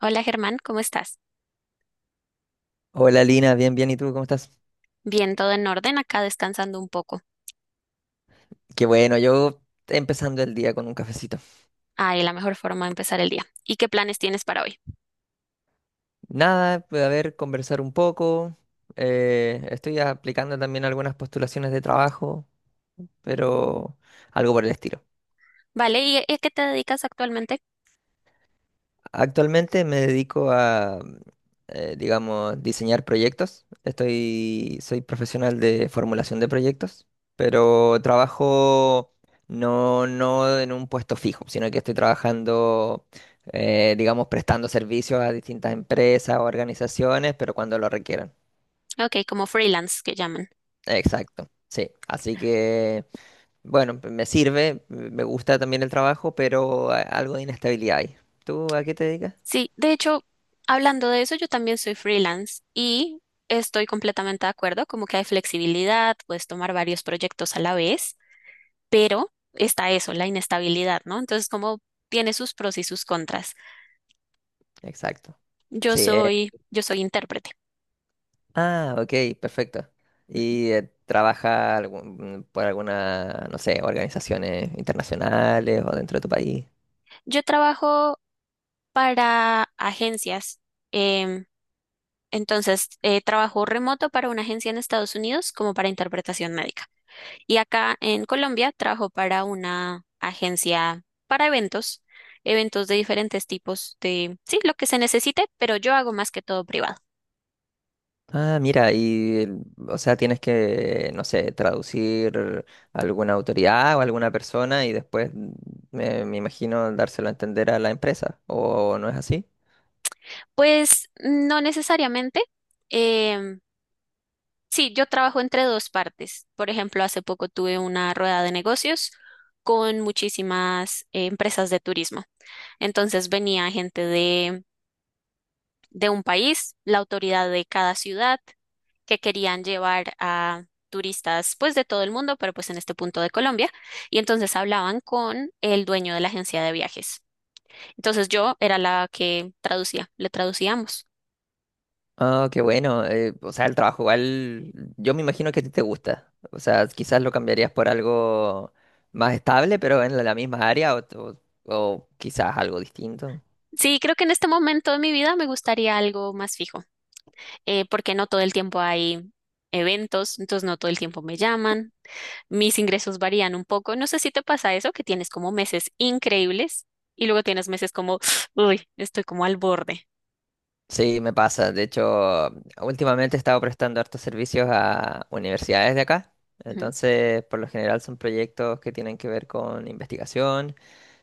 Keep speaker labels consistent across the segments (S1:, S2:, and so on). S1: Hola Germán, ¿cómo estás?
S2: Hola Lina, bien, bien, ¿y tú cómo estás?
S1: Bien, todo en orden, acá descansando un poco.
S2: Qué bueno, yo empezando el día con un cafecito.
S1: Ahí la mejor forma de empezar el día. ¿Y qué planes tienes para hoy?
S2: Nada, pues, a ver, conversar un poco. Estoy aplicando también algunas postulaciones de trabajo, pero algo por el estilo.
S1: Vale, ¿y a qué te dedicas actualmente?
S2: Actualmente me dedico a, digamos, diseñar proyectos. Soy profesional de formulación de proyectos, pero trabajo no, no en un puesto fijo, sino que estoy trabajando, digamos, prestando servicios a distintas empresas o organizaciones, pero cuando lo requieran.
S1: Ok, como freelance que llaman.
S2: Exacto, sí. Así que, bueno, me sirve, me gusta también el trabajo, pero algo de inestabilidad hay. ¿Tú a qué te dedicas?
S1: Sí, de hecho, hablando de eso, yo también soy freelance y estoy completamente de acuerdo, como que hay flexibilidad, puedes tomar varios proyectos a la vez, pero está eso, la inestabilidad, ¿no? Entonces, como tiene sus pros y sus contras.
S2: Exacto.
S1: Yo
S2: Sí,
S1: soy, yo soy intérprete.
S2: ah, ok, perfecto. ¿Y trabaja por alguna, no sé, organizaciones internacionales o dentro de tu país?
S1: Yo trabajo para agencias. Em, entonces, trabajo remoto para una agencia en Estados Unidos como para interpretación médica. Y acá en Colombia trabajo para una agencia para eventos, eventos de diferentes tipos de, sí, lo que se necesite, pero yo hago más que todo privado.
S2: Ah, mira, o sea, tienes que, no sé, traducir a alguna autoridad o alguna persona y después, me, me imagino, dárselo a entender a la empresa, ¿o no es así?
S1: Pues no necesariamente. em, sí, yo trabajo entre dos partes. Por ejemplo, hace poco tuve una rueda de negocios con muchísimas empresas de turismo. Entonces venía gente de un país, la autoridad de cada ciudad, que querían llevar a turistas pues de todo el mundo, pero pues en este punto de Colombia, y entonces hablaban con el dueño de la agencia de viajes. Entonces yo era la que traducía, le traducíamos.
S2: Oh, qué bueno. O sea, el trabajo igual, yo me imagino que a ti te gusta. O sea, quizás lo cambiarías por algo más estable, pero en la misma área o quizás algo distinto.
S1: Sí, creo que en este momento de mi vida me gustaría algo más fijo, porque no todo el tiempo hay eventos, entonces no todo el tiempo me llaman, mis ingresos varían un poco. No sé si te pasa eso, que tienes como meses increíbles y luego tienes meses como, uy, estoy como al borde.
S2: Sí, me pasa. De hecho, últimamente he estado prestando hartos servicios a universidades de acá.
S1: Ujú.
S2: Entonces, por lo general son proyectos que tienen que ver con investigación.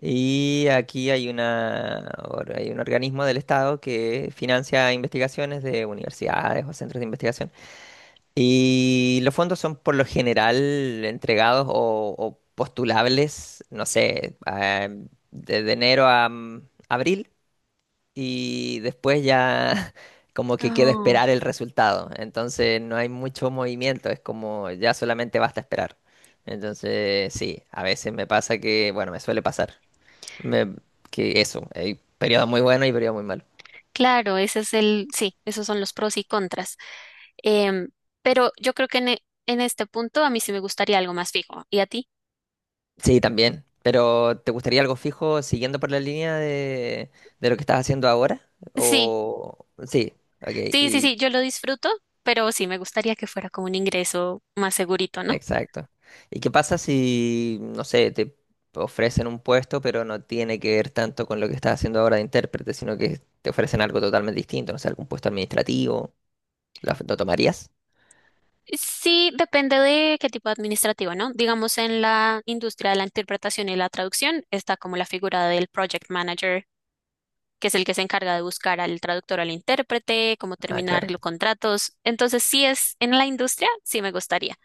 S2: Y aquí hay hay un organismo del Estado que financia investigaciones de universidades o centros de investigación. Y los fondos son por lo general entregados o postulables, no sé, desde enero a abril y después ya como que queda
S1: Oh,
S2: esperar el resultado. Entonces no hay mucho movimiento, es como ya solamente basta esperar. Entonces sí, a veces me pasa que, bueno, me suele pasar me- que eso, hay periodos muy buenos y periodos muy malos.
S1: claro, ese es sí, esos son los pros y contras. Em, pero yo creo que en este punto a mí sí me gustaría algo más fijo. ¿Y a ti?
S2: Sí, también. Pero ¿te gustaría algo fijo siguiendo por la línea de lo que estás haciendo ahora?
S1: Sí,
S2: O sí, ok,
S1: sí, sí,
S2: y
S1: sí, yo lo disfruto, pero sí me gustaría que fuera como un ingreso más segurito, ¿no?
S2: exacto. ¿Y qué pasa si, no sé, te ofrecen un puesto, pero no tiene que ver tanto con lo que estás haciendo ahora de intérprete, sino que te ofrecen algo totalmente distinto, no sé, algún puesto administrativo? Lo tomarías?
S1: Sí, depende de qué tipo de administrativo, ¿no? Digamos, en la industria de la interpretación y la traducción está como la figura del project manager, que es el que se encarga de buscar al traductor, al intérprete, cómo
S2: Ah,
S1: terminar
S2: claro.
S1: los contratos. Entonces, si es en la industria, sí me gustaría.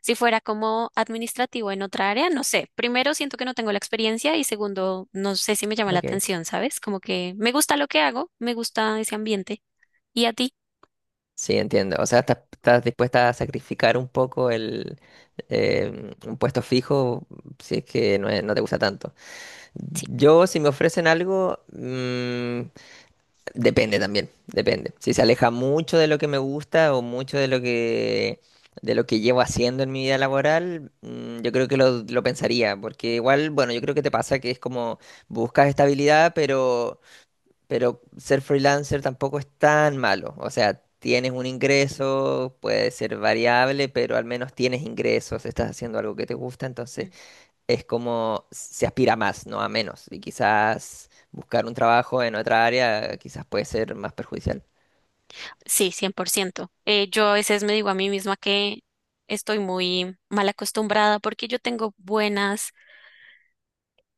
S1: Si fuera como administrativo en otra área, no sé. Primero, siento que no tengo la experiencia y segundo, no sé si me llama la
S2: Ok.
S1: atención, ¿sabes? Como que me gusta lo que hago, me gusta ese ambiente. ¿Y a ti?
S2: Sí, entiendo. O sea, estás, estás dispuesta a sacrificar un poco el, un puesto fijo si es que no te gusta tanto. Yo, si me ofrecen algo, depende también, depende. Si se aleja mucho de lo que me gusta o mucho de lo que llevo haciendo en mi vida laboral, yo creo que lo pensaría, porque igual, bueno, yo creo que te pasa que es como buscas estabilidad, pero ser freelancer tampoco es tan malo. O sea, tienes un ingreso, puede ser variable, pero al menos tienes ingresos, estás haciendo algo que te gusta, entonces es como se aspira a más, no a menos. Y quizás buscar un trabajo en otra área quizás puede ser más perjudicial.
S1: Sí, 100%. Yo a veces me digo a mí misma que estoy muy mal acostumbrada porque yo tengo buenas,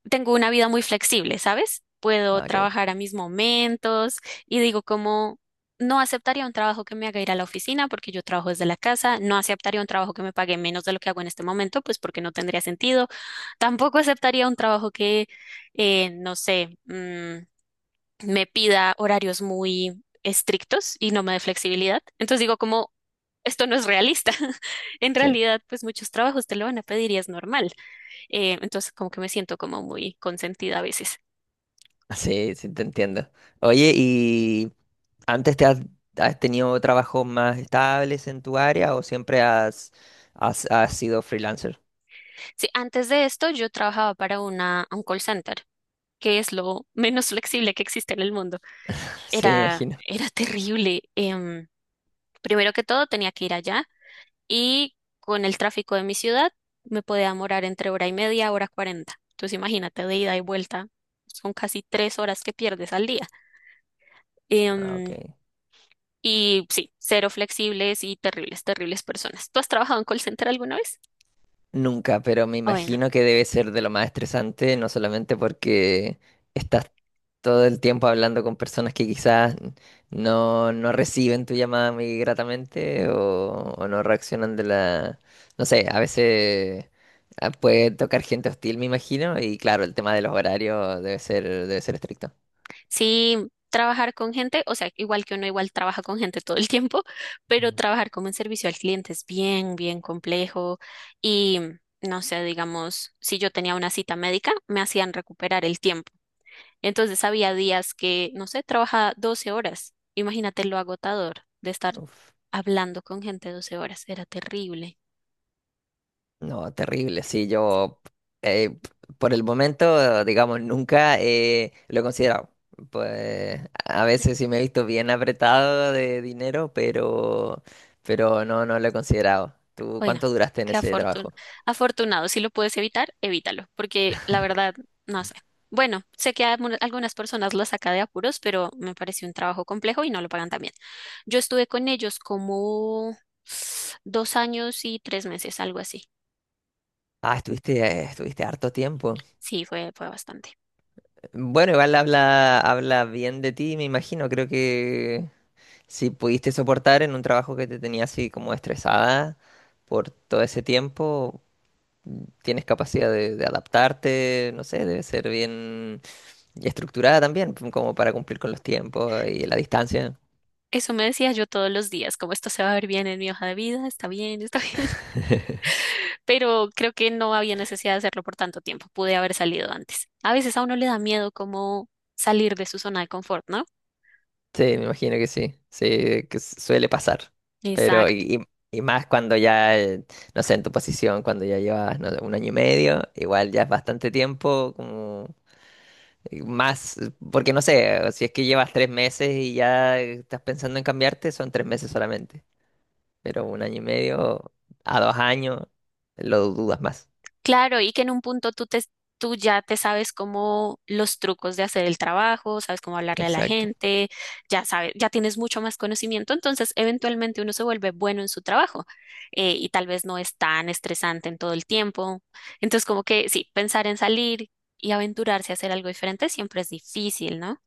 S1: tengo una vida muy flexible, ¿sabes? Puedo
S2: Ah, ok,
S1: trabajar a mis momentos y digo como no aceptaría un trabajo que me haga ir a la oficina porque yo trabajo desde la casa, no aceptaría un trabajo que me pague menos de lo que hago en este momento, pues porque no tendría sentido. Tampoco aceptaría un trabajo que, no sé, me pida horarios muy estrictos y no me dé flexibilidad. Entonces digo como esto no es realista. En
S2: sí,
S1: realidad, pues muchos trabajos te lo van a pedir y es normal. Entonces, como que me siento como muy consentida a veces.
S2: sí, sí, te entiendo. Oye, ¿y antes te has, has tenido trabajos más estables en tu área o siempre has, has sido freelancer?
S1: Sí, antes de esto yo trabajaba para un call center, que es lo menos flexible que existe en el mundo.
S2: Sí, me
S1: Era,
S2: imagino.
S1: era terrible. Primero que todo, tenía que ir allá y con el tráfico de mi ciudad me podía demorar entre hora y media, hora cuarenta. Entonces, imagínate de ida y vuelta. Son casi tres horas que pierdes al día.
S2: Ah, ok.
S1: Em, Y sí, cero flexibles y terribles, terribles personas. ¿Tú has trabajado en call center alguna vez?
S2: Nunca, pero me
S1: Bueno,
S2: imagino que debe ser de lo más estresante, no solamente porque estás todo el tiempo hablando con personas que quizás no, no reciben tu llamada muy gratamente o no reaccionan de la... No sé, a veces puede tocar gente hostil, me imagino, y claro, el tema de los horarios debe ser estricto.
S1: sí, trabajar con gente, o sea, igual que uno igual trabaja con gente todo el tiempo, pero
S2: Mm.
S1: trabajar como en servicio al cliente es bien, bien complejo y no sé, digamos, si yo tenía una cita médica, me hacían recuperar el tiempo. Entonces había días que, no sé, trabajaba 12 horas. Imagínate lo agotador de estar
S2: Uf.
S1: hablando con gente 12 horas, era terrible.
S2: No, terrible, sí, yo eh, por el momento, digamos, nunca lo he considerado. Pues a veces sí me he visto bien apretado de dinero, pero no, no lo he considerado. ¿Tú
S1: Bueno,
S2: cuánto duraste en
S1: qué
S2: ese
S1: afortun-
S2: trabajo?
S1: afortunado. Si lo puedes evitar, evítalo, porque la verdad, no sé. Bueno, sé que a algunas personas las saca de apuros, pero me pareció un trabajo complejo y no lo pagan tan bien. Yo estuve con ellos como dos años y tres meses, algo así.
S2: Ah, estuviste, estuviste harto tiempo.
S1: Sí, fue bastante.
S2: Bueno, igual habla, habla bien de ti, me imagino. Creo que si pudiste soportar en un trabajo que te tenía así como estresada por todo ese tiempo, tienes capacidad de adaptarte, no sé, debe ser bien estructurada también, como para cumplir con los tiempos y la distancia.
S1: Eso me decía yo todos los días, como esto se va a ver bien en mi hoja de vida, está bien, pero creo que no había necesidad de hacerlo por tanto tiempo, pude haber salido antes. A veces a uno le da miedo como salir de su zona de confort, ¿no?
S2: Sí, me imagino que sí, sí, que suele pasar. Pero,
S1: Exacto.
S2: y más cuando ya, no sé, en tu posición, cuando ya llevas, no sé, 1 año y medio, igual ya es bastante tiempo, como más, porque no sé, si es que llevas 3 meses y ya estás pensando en cambiarte, son 3 meses solamente. Pero 1 año y medio a 2 años, lo dudas más.
S1: Claro, y que en un punto tú ya te sabes cómo los trucos de hacer el trabajo, sabes cómo hablarle a la
S2: Exacto.
S1: gente, ya sabes, ya tienes mucho más conocimiento, entonces eventualmente uno se vuelve bueno en su trabajo y tal vez no es tan estresante en todo el tiempo. Entonces, como que sí, pensar en salir y aventurarse a hacer algo diferente siempre es difícil, ¿no?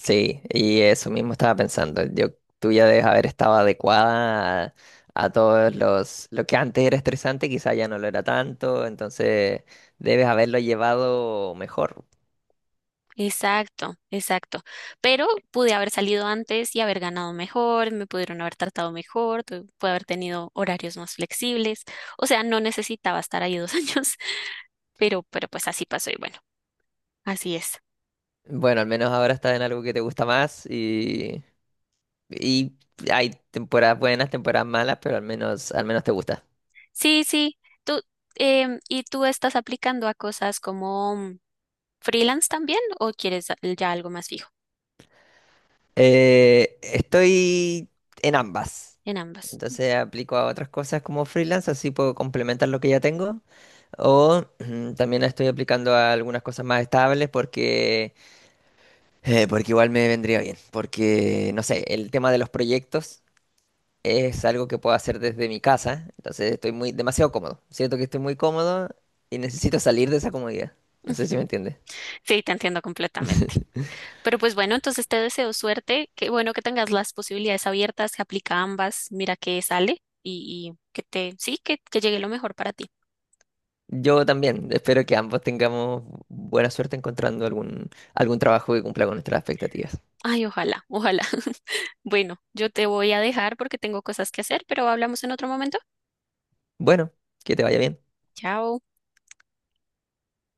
S2: Sí, y eso mismo estaba pensando. Yo, tú ya debes haber estado adecuada a todos los... Lo que antes era estresante, quizá ya no lo era tanto, entonces debes haberlo llevado mejor.
S1: Exacto, exacto. Pero pude haber salido antes y haber ganado mejor, me pudieron haber tratado mejor, pude haber tenido horarios más flexibles. O sea, no necesitaba estar ahí dos años, pero pues así pasó y bueno, así es.
S2: Bueno, al menos ahora estás en algo que te gusta más y hay temporadas buenas, temporadas malas, pero al menos te gusta.
S1: Sí, sí. Tú, ¿Y tú estás aplicando a cosas como freelance también o quieres ya algo más fijo?
S2: Estoy en ambas.
S1: En ambas.
S2: Entonces aplico a otras cosas como freelance, así puedo complementar lo que ya tengo. O también estoy aplicando a algunas cosas más estables porque, porque igual me vendría bien. Porque, no sé, el tema de los proyectos es algo que puedo hacer desde mi casa. Entonces estoy muy, demasiado cómodo. Siento que estoy muy cómodo y necesito salir de esa comodidad. No sé si me
S1: Ujú.
S2: entiendes.
S1: Sí, te entiendo completamente. Pero pues bueno, entonces te deseo suerte. Qué bueno que tengas las posibilidades abiertas, que aplica a ambas. Mira que sale y que te, sí, que llegue lo mejor para ti.
S2: Yo también espero que ambos tengamos buena suerte encontrando algún, algún trabajo que cumpla con nuestras expectativas.
S1: Ay, ojalá, ojalá. Bueno, yo te voy a dejar porque tengo cosas que hacer, pero hablamos en otro momento.
S2: Bueno, que te vaya bien.
S1: Chao.